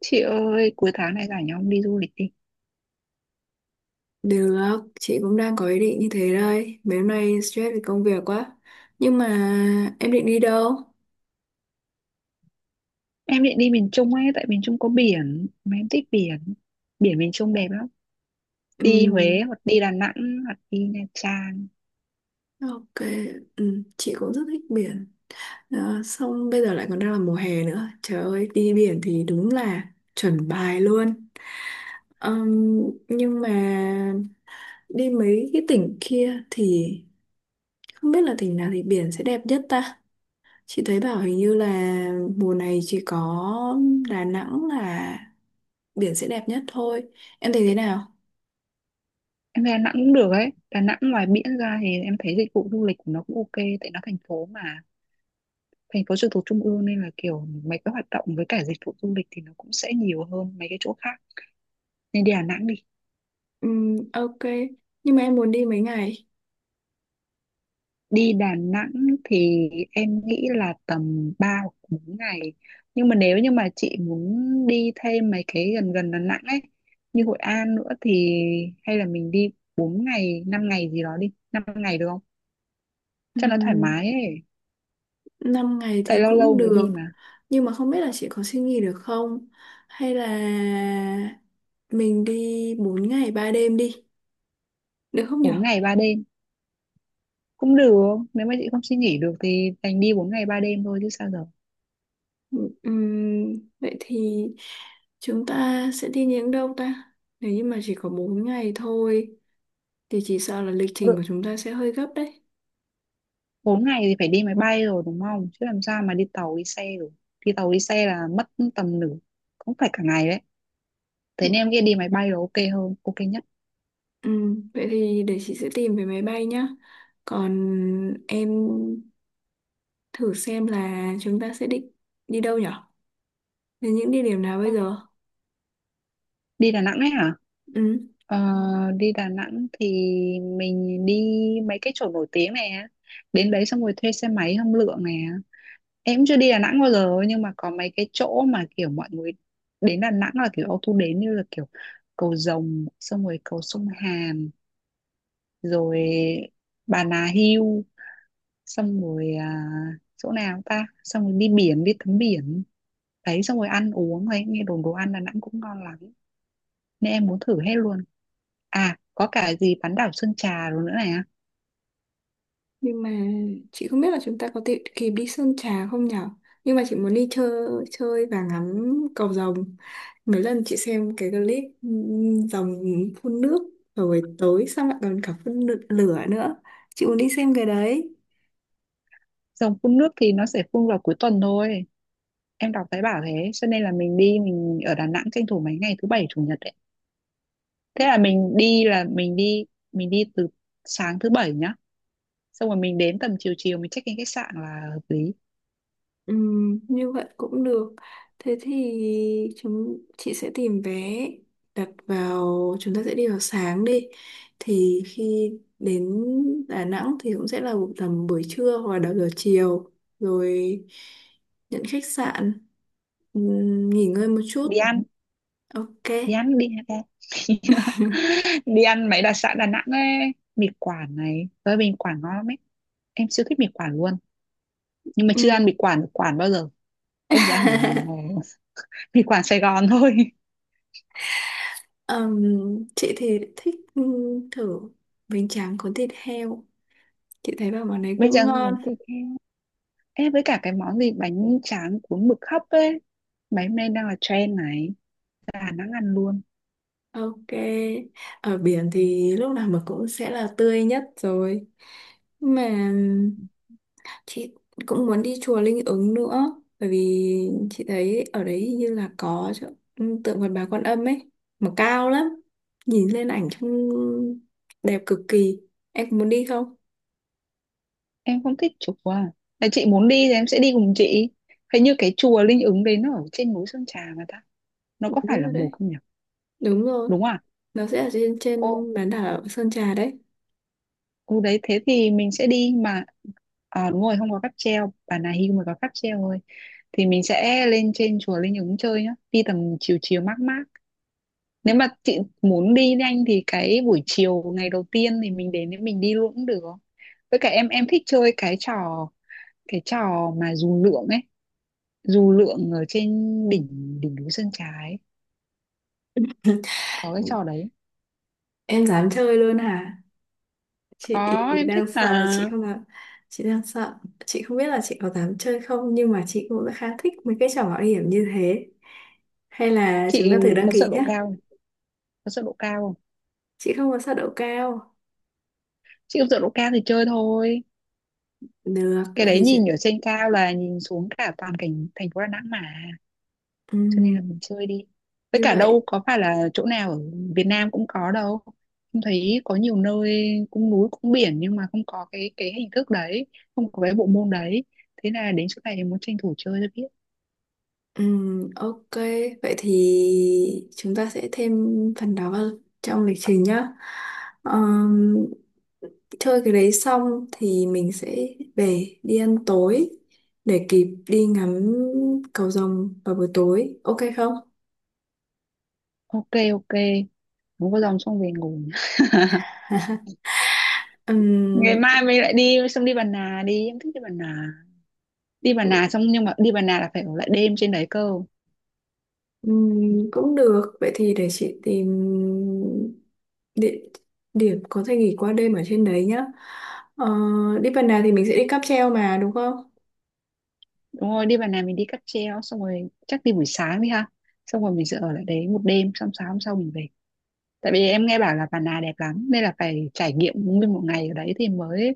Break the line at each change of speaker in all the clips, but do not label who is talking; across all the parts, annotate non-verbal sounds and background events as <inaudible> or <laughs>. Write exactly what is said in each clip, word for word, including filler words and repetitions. Chị ơi, cuối tháng này rảnh không đi du lịch đi.
Được, chị cũng đang có ý định như thế đây. Mấy hôm nay stress vì công việc quá. Nhưng mà em định đi đâu?
Em định đi miền Trung ấy, tại miền Trung có biển, mà em thích biển. Biển miền Trung đẹp lắm. Đi Huế
Ừm,
hoặc đi Đà Nẵng hoặc đi Nha Trang.
ok, Ừm, chị cũng rất thích biển. Đó, xong bây giờ lại còn đang là mùa hè nữa. Trời ơi, đi biển thì đúng là chuẩn bài luôn. Ừm, nhưng mà đi mấy cái tỉnh kia thì không biết là tỉnh nào thì biển sẽ đẹp nhất ta. Chị thấy bảo hình như là mùa này chỉ có Đà Nẵng là biển sẽ đẹp nhất thôi. Em thấy thế nào?
Em về Đà Nẵng cũng được ấy. Đà Nẵng ngoài biển ra thì em thấy dịch vụ du lịch của nó cũng ok, tại nó thành phố mà. Thành phố trực thuộc trung ương nên là kiểu mấy cái hoạt động với cả dịch vụ du lịch thì nó cũng sẽ nhiều hơn mấy cái chỗ khác. Nên đi Đà Nẵng đi.
Ừm, ok, nhưng mà em muốn đi mấy ngày?
Đi Đà Nẵng thì em nghĩ là tầm ba hoặc bốn ngày. Nhưng mà nếu như mà chị muốn đi thêm mấy cái gần gần Đà Nẵng ấy, như Hội An nữa thì hay là mình đi bốn ngày, năm ngày gì đó đi. Năm ngày được không? Cho nó thoải
Ừm,
mái ấy.
năm ngày
Tại
thì
lâu lâu
cũng
mới
được,
đi mà.
nhưng mà không biết là chị có xin nghỉ được không, hay là mình đi bốn ngày ba đêm đi, được không nhở?
Bốn ngày ba đêm cũng được. Nếu mà chị không suy nghĩ được thì đành đi bốn ngày ba đêm thôi chứ sao giờ.
Ừm, vậy thì chúng ta sẽ đi những đâu ta? Nếu như mà chỉ có bốn ngày thôi thì chỉ sợ là lịch trình
Lự-
của chúng ta sẽ hơi gấp đấy.
bốn ngày thì phải đi máy bay rồi đúng không? Chứ làm sao mà đi tàu đi xe được. Đi tàu đi xe là mất tầm nửa cũng phải cả ngày đấy, thế nên em nghĩ đi máy bay là ok hơn, ok nhất.
Ừ, vậy thì để chị sẽ tìm về máy bay nhá. Còn em thử xem là chúng ta sẽ định đi đâu nhở? Đến những địa điểm nào bây
Ừ.
giờ?
Đi Đà Nẵng ấy hả?
Ừ,
Ờ, đi Đà Nẵng thì mình đi mấy cái chỗ nổi tiếng này á. Đến đấy xong rồi thuê xe máy hâm lượng này á. Em chưa đi Đà Nẵng bao giờ nhưng mà có mấy cái chỗ mà kiểu mọi người đến Đà Nẵng là kiểu auto đến, như là kiểu cầu Rồng, xong rồi cầu sông Hàn, rồi Bà Nà Hill, xong rồi à, chỗ nào ta, xong rồi đi biển, đi tắm biển đấy, xong rồi ăn uống ấy, nghe đồn đồ ăn Đà Nẵng cũng ngon lắm nên em muốn thử hết luôn. À có cả gì bán đảo Sơn Trà rồi nữa này á.
nhưng mà chị không biết là chúng ta có thể kịp đi Sơn Trà không nhở? Nhưng mà chị muốn đi chơi chơi và ngắm cầu rồng. Mấy lần chị xem cái clip ừ, rồng phun nước rồi tới xong lại còn cả phun lửa nữa. Chị muốn đi xem cái đấy.
Dòng phun nước thì nó sẽ phun vào cuối tuần thôi, em đọc thấy bảo thế, cho nên là mình đi mình ở Đà Nẵng tranh thủ mấy ngày thứ bảy chủ nhật đấy. Thế là mình đi là mình đi mình đi từ sáng thứ bảy nhá, xong rồi mình đến tầm chiều chiều mình check in khách sạn là hợp lý.
Ừ, như vậy cũng được. Thế thì chúng chị sẽ tìm vé đặt vào, chúng ta sẽ đi vào sáng đi. Thì khi đến Đà Nẵng thì cũng sẽ là tầm buổi trưa hoặc là đầu giờ chiều, rồi nhận khách sạn, ừ, nghỉ ngơi một chút.
đi ăn
Ok.
đi ăn đi ăn em. <laughs> Đi ăn mấy đặc sản Đà Nẵng ấy, mì Quảng này, tới mì Quảng ngon lắm ấy, em siêu thích mì Quảng luôn, nhưng mà chưa ăn
Ừ.
mì Quảng ở Quảng bao giờ. Em chỉ ăn mì,
<laughs>
<laughs> mì Quảng Sài Gòn thôi. <laughs>
Ừm, chị thì thích ừ, thử bánh tráng có thịt heo. Chị thấy bảo món đấy
Bây giờ
cũng ngon.
muốn thịt heo, em với cả cái món gì bánh tráng cuốn mực hấp ấy, mấy hôm nay đang là trend này, Đà Nẵng ăn luôn.
Ok, ở biển thì lúc nào mà cũng sẽ là tươi nhất rồi. Mà chị cũng muốn đi chùa Linh Ứng nữa, bởi vì chị thấy ở đấy hình như là có chỗ, ừ, tượng Phật Bà Quan Âm ấy, mà cao lắm. Nhìn lên ảnh trông đẹp cực kỳ. Em có muốn đi không?
Em không thích chùa, là chị muốn đi thì em sẽ đi cùng chị. Hình như cái chùa Linh Ứng đấy nó ở trên núi Sơn Trà mà ta, nó có phải
Đúng
là
rồi
một
đấy.
không nhỉ,
Đúng rồi,
đúng không ạ?
nó sẽ ở trên trên
Cô.
bán đảo Sơn Trà đấy.
Ồ đấy, thế thì mình sẽ đi mà. À, đúng rồi, không có cáp treo, bản này Hưu mới có cáp treo thôi, thì mình sẽ lên trên chùa Linh Ứng chơi nhá, đi tầm chiều chiều mát mát. Nếu mà chị muốn đi nhanh thì cái buổi chiều ngày đầu tiên thì mình đến để mình đi luôn cũng được. Với cả em em thích chơi cái trò cái trò mà dù lượn ấy, dù lượn ở trên đỉnh đỉnh núi Sơn Trà ấy, có cái trò đấy.
Em dám chơi luôn hả? Chị
Có, em thích
đang sợ là
là.
chị không làm, chị đang sợ, chị không biết là chị có dám chơi không, nhưng mà chị cũng khá thích mấy cái trò mạo hiểm như thế. Hay là chúng
Chị
ta thử đăng
có
ký
sợ
nhé?
độ cao không? Có sợ độ cao không?
Chị không có sợ độ cao.
Chị không sợ độ cao thì chơi thôi.
Được,
Cái
vậy
đấy
thì chị,
nhìn ở trên cao là nhìn xuống cả toàn cảnh thành phố Đà Nẵng mà, cho nên
ừm,
là mình chơi đi. Với
như
cả đâu
vậy.
có phải là chỗ nào ở Việt Nam cũng có đâu, không thấy, có nhiều nơi cũng núi cũng biển nhưng mà không có cái cái hình thức đấy, không có cái bộ môn đấy, thế là đến chỗ này muốn tranh thủ chơi cho biết.
Ừm, ok, vậy thì chúng ta sẽ thêm phần đó vào trong lịch trình nhá. Ờm, chơi cái đấy xong thì mình sẽ về đi ăn tối để kịp đi ngắm cầu rồng vào buổi tối, ok không?
Ok, ok, muốn có dòng xong về ngủ. Ngày
Ừm,
mai mình lại đi, xong đi Bà Nà đi, em thích đi Bà Nà. Đi Bà Nà xong, nhưng mà đi Bà Nà là phải ở lại đêm trên đấy cơ.
ừm, cũng được, vậy thì để chị tìm địa điểm có thể nghỉ qua đêm ở trên đấy nhá. ờ, Đi phần nào thì mình sẽ đi cáp treo mà, đúng không?
Đúng rồi, đi vào này mình đi cáp treo, xong rồi chắc đi buổi sáng đi ha. Xong rồi mình sẽ ở lại đấy một đêm, xong sáng hôm sau mình về. Tại vì em nghe bảo là Bà Nà đẹp lắm nên là phải trải nghiệm nguyên một ngày ở đấy thì mới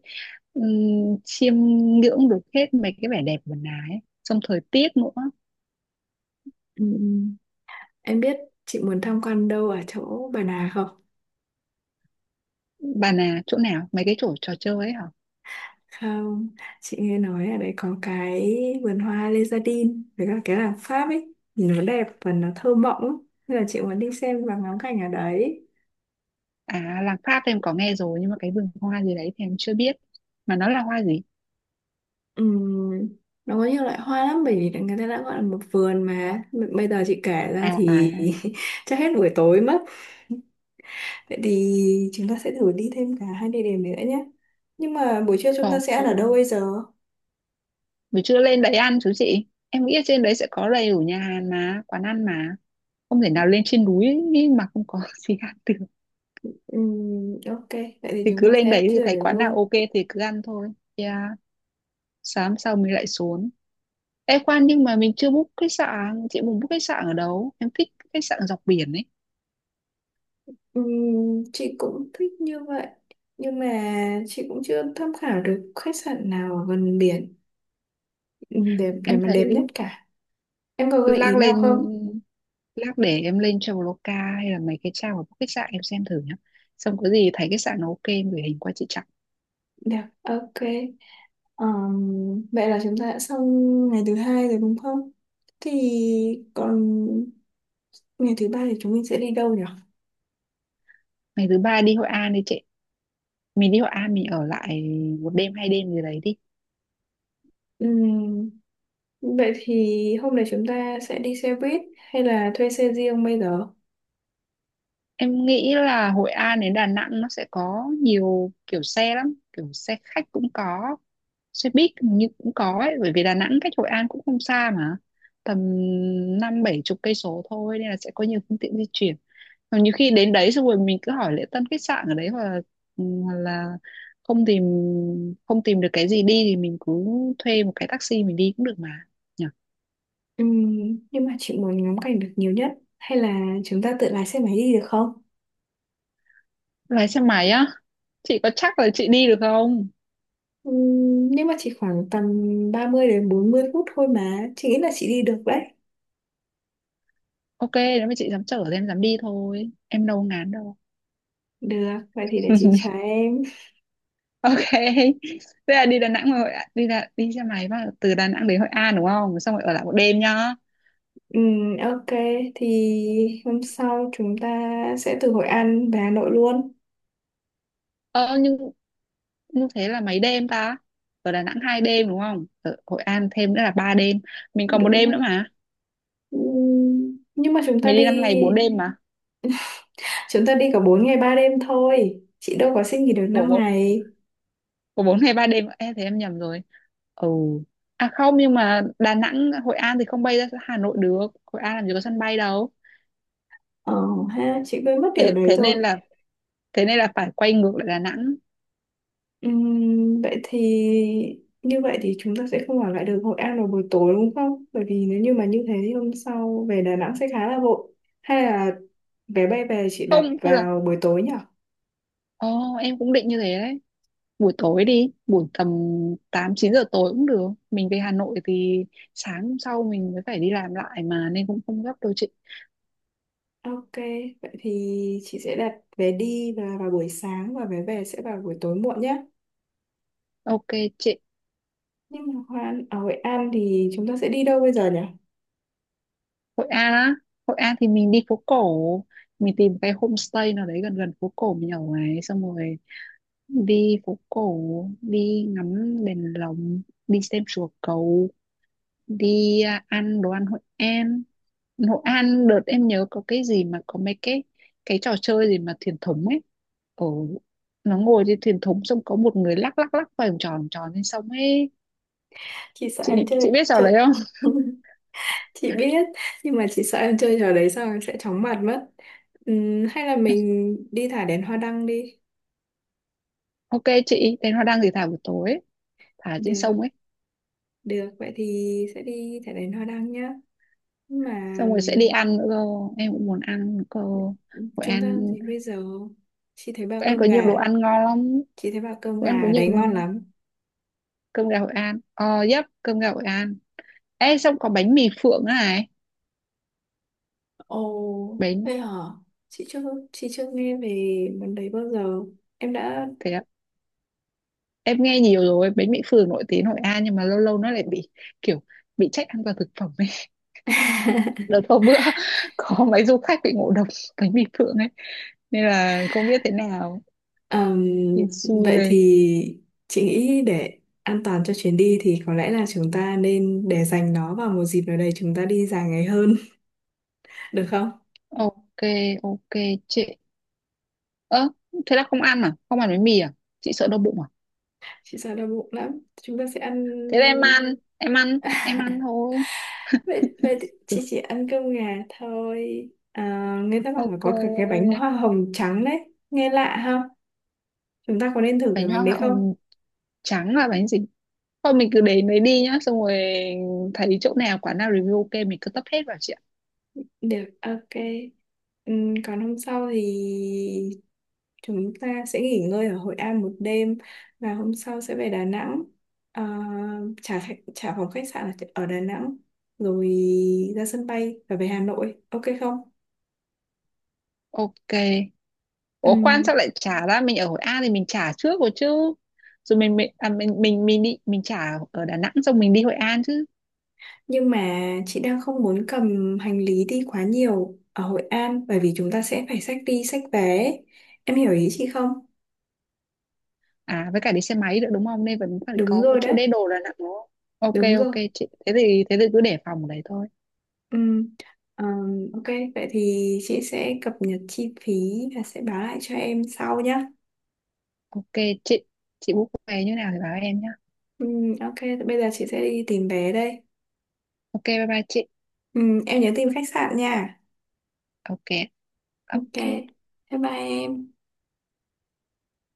um, chiêm ngưỡng được hết mấy cái vẻ đẹp của Bà Nà ấy. Xong thời tiết nữa.
Ừm, em biết chị muốn tham quan đâu ở chỗ Bà Nà không?
Bà Nà chỗ nào? Mấy cái chỗ trò chơi ấy hả?
Không, chị nghe nói ở đấy có cái vườn hoa Lezardin với cả cái làng Pháp ấy, nhìn nó đẹp và nó thơ mộng lắm. Nên là chị muốn đi xem và ngắm cảnh ở đấy.
À làng Pháp em có nghe rồi, nhưng mà cái vườn hoa gì đấy thì em chưa biết. Mà nó là hoa gì?
Ừm, nó có nhiều loại hoa lắm bởi vì người ta đã gọi là một vườn mà. B- Bây giờ chị kể
À
ra
à.
thì <laughs> chắc hết buổi tối mất. Vậy thì chúng ta sẽ thử đi thêm cả hai địa điểm nữa nhé. Nhưng mà buổi trưa chúng ta sẽ ăn ở đâu bây
Ok.
giờ?
Mình chưa lên đấy ăn chú chị. Em nghĩ ở trên đấy sẽ có đầy đủ nhà hàng mà, quán ăn mà. Không thể nào lên trên núi ý mà không có <laughs> gì ăn được.
Ừm, ok, vậy thì
Thì
chúng
cứ
ta sẽ
lên
ăn
đấy thì
trưa
thấy
được
quán
luôn.
nào ok thì cứ ăn thôi, yeah. Sáng sau mình lại xuống. Ê khoan, nhưng mà mình chưa book khách sạn, chị muốn book khách sạn ở đâu? Em thích khách sạn dọc biển ấy.
Ừm, chị cũng thích như vậy, nhưng mà chị cũng chưa tham khảo được khách sạn nào ở gần biển, ừm, để để
Em
mà
thấy,
đẹp nhất cả. Em có gợi
lác
ý
lên
nào không?
lát để em lên Traveloka hay là mấy cái trang của book khách sạn em xem thử nhá, xong có gì thấy khách sạn nó ok em gửi hình qua chị Trọng.
Được, ok. Ờm, vậy là chúng ta đã xong ngày thứ hai rồi đúng không? Thì còn ngày thứ ba thì chúng mình sẽ đi đâu nhỉ?
Ngày thứ ba đi Hội An đi chị, mình đi Hội An mình ở lại một đêm hai đêm gì đấy đi.
Ừm, vậy thì hôm nay chúng ta sẽ đi xe buýt hay là thuê xe riêng bây giờ?
Em nghĩ là Hội An đến Đà Nẵng nó sẽ có nhiều kiểu xe lắm, kiểu xe khách cũng có, xe buýt hình như cũng có ấy, bởi vì Đà Nẵng cách Hội An cũng không xa mà, tầm năm bảy chục cây số thôi, nên là sẽ có nhiều phương tiện di chuyển. Còn nhiều khi đến đấy xong rồi mình cứ hỏi lễ tân khách sạn ở đấy, hoặc là, ừ, hoặc là không tìm không tìm được cái gì đi thì mình cứ thuê một cái taxi mình đi cũng được mà. Nhỉ?
Ừm, nhưng mà chị muốn ngắm cảnh được nhiều nhất, hay là chúng ta tự lái xe máy đi được không?
Lái xe máy á, chị có chắc là chị đi được không?
Ừm, nhưng mà chỉ khoảng tầm ba mươi đến bốn mươi phút thôi mà, chị nghĩ là chị đi được đấy.
Ok, nếu mà chị dám chở thì em dám đi thôi. Em đâu ngán đâu.
Được, vậy thì để chị trả
<laughs>
em.
Ok. Thế là đi Đà Nẵng rồi Hội An, đi là đi xe máy vào từ Đà Nẵng đến Hội An đúng không? Xong rồi ở lại một đêm nhá.
Ừm, ok, thì hôm sau chúng ta sẽ từ Hội An về Hà Nội luôn,
Ờ nhưng như thế là mấy đêm ta? Ở Đà Nẵng hai đêm đúng không? Ở Hội An thêm nữa là ba đêm. Mình còn một
đúng
đêm nữa
không?
mà.
Ừm, nhưng mà chúng ta
Mình
đi
đi năm ngày bốn đêm mà.
chúng ta đi cả bốn ngày ba đêm thôi, chị đâu có xin nghỉ được
Của
năm
bốn
ngày
của bốn ngày ba đêm. Ê thế em nhầm rồi. Ừ. À không, nhưng mà Đà Nẵng Hội An thì không bay ra Hà Nội được. Hội An làm gì có sân bay đâu.
Ờ ha, chị quên mất điều
Thế
đấy
thế
rồi.
nên là thế nên là phải quay ngược lại Đà Nẵng.
Ừm, vậy thì như vậy thì chúng ta sẽ không ở lại được Hội An vào buổi tối, đúng không? Bởi vì nếu như mà như thế thì hôm sau về Đà Nẵng sẽ khá là vội. Hay là vé bay về chị đặt
Không hay là,
vào buổi tối nhỉ?
ồ em cũng định như thế đấy, buổi tối đi, buổi tầm tám chín giờ tối cũng được, mình về Hà Nội thì sáng hôm sau mình mới phải đi làm lại mà, nên cũng không gấp đâu chị.
Ok, vậy thì chị sẽ đặt vé đi là vào buổi sáng và vé về sẽ vào buổi tối muộn nhé.
Ok chị.
Nhưng mà Hoa- ở Hội An thì chúng ta sẽ đi đâu bây giờ nhỉ?
Hội An á, Hội An thì mình đi phố cổ, mình tìm cái homestay nào đấy gần gần phố cổ mình ở ấy, xong rồi đi phố cổ, đi ngắm đèn lồng, đi xem chùa cầu, đi à, ăn đồ ăn Hội An. Hội An đợt em nhớ có cái gì mà có mấy cái cái trò chơi gì mà thuyền thúng ấy, ở, nó ngồi trên thuyền thúng xong có một người lắc lắc lắc vòng tròn vòng tròn lên sông ấy.
Chị sợ
chị
em
chị
chơi
biết trò
chết.
đấy không?
<laughs> Chị biết, nhưng mà chị sợ em chơi trò đấy xong em sẽ chóng mặt mất. Ừm, hay là
<laughs>
mình đi thả đèn hoa đăng đi.
Ok chị, thế nó đang thì thả buổi tối ấy, thả trên
Được,
sông ấy.
được, vậy thì sẽ đi thả đèn hoa đăng nhá. Nhưng mà
Xong rồi sẽ đi ăn nữa cơ, em cũng muốn ăn nữa cơ.
ừm,
Hội
chúng ta làm
An,
gì bây giờ? Chị thấy bao
Hội An
cơm
có nhiều
gà,
đồ ăn ngon lắm.
chị thấy bao cơm
Hội An có
gà
nhiều
đấy
luôn,
ngon lắm.
cơm gà Hội An, ờ, yep, cơm gà Hội An. Ê, xong có bánh mì Phượng nữa này.
Ồ,
Bánh,
thế hả? Chị chưa, chị chưa nghe về món đấy bao giờ. Em đã
thế em nghe nhiều rồi, bánh mì phường nổi tiếng Hội An, nhưng mà lâu lâu nó lại bị kiểu bị trách an toàn thực phẩm ấy. <laughs>
<laughs>
Đợt hôm bữa <laughs> có mấy du khách bị ngộ độc <laughs> bánh mì phượng ấy, nên là không biết thế nào.
Ờm,
Nên xui
vậy
ghê.
thì chị nghĩ để an toàn cho chuyến đi thì có lẽ là chúng ta nên để dành nó vào một dịp nào đấy chúng ta đi dài ngày hơn, <laughs> được không?
Ok, ok chị. Ơ thế là không ăn à, không ăn bánh mì à, chị sợ đau bụng à?
Chị sợ đau bụng lắm. Chúng ta sẽ ăn.
Thế là em ăn, em ăn, em
<laughs>
ăn thôi.
vậy vậy thì chị
Ừ,
chỉ ăn cơm gà thôi. À, người ta bảo là
ok.
có cả cái bánh hoa hồng trắng đấy, nghe lạ ha. Chúng ta có nên thử cái
Bánh
bánh
hoa
đấy không?
hồng trắng là bánh gì? Thôi mình cứ đến đấy đi nhá, xong rồi thấy chỗ nào quán nào review ok mình cứ tấp hết vào chị ạ.
Được, ok. Ừm, còn hôm sau thì chúng ta sẽ nghỉ ngơi ở Hội An một đêm và hôm sau sẽ về Đà Nẵng. Ờ, trả khách- trả phòng khách sạn ở ở Đà Nẵng rồi ra sân bay và về Hà Nội. Ok không?
Ok. Ủa quan sao
Ừm,
lại trả ra, mình ở Hội An thì mình trả trước rồi chứ, rồi mình mình à, mình mình mình đi mình trả ở Đà Nẵng xong mình đi Hội An chứ.
nhưng mà chị đang không muốn cầm hành lý đi quá nhiều ở Hội An, bởi vì chúng ta sẽ phải xách đi xách vé. Em hiểu ý chị không?
À với cả đi xe máy nữa đúng không, nên vẫn phải
Đúng
có một
rồi
chỗ để
đấy.
đồ Đà Nẵng đúng không. Ok
Đúng
ok
rồi.
chị, thế thì thế thì cứ để phòng ở đấy thôi.
Ừm, ờm, ok, vậy thì chị sẽ cập nhật chi phí và sẽ báo lại cho em sau nhé.
Ok chị chị book vé như nào thì báo em nhá.
Ừ, ok, thì bây giờ chị sẽ đi tìm vé đây.
Ok bye bye chị.
Ừm, em nhớ tìm khách sạn nha.
Ok
Ok,
ok.
bye bye em.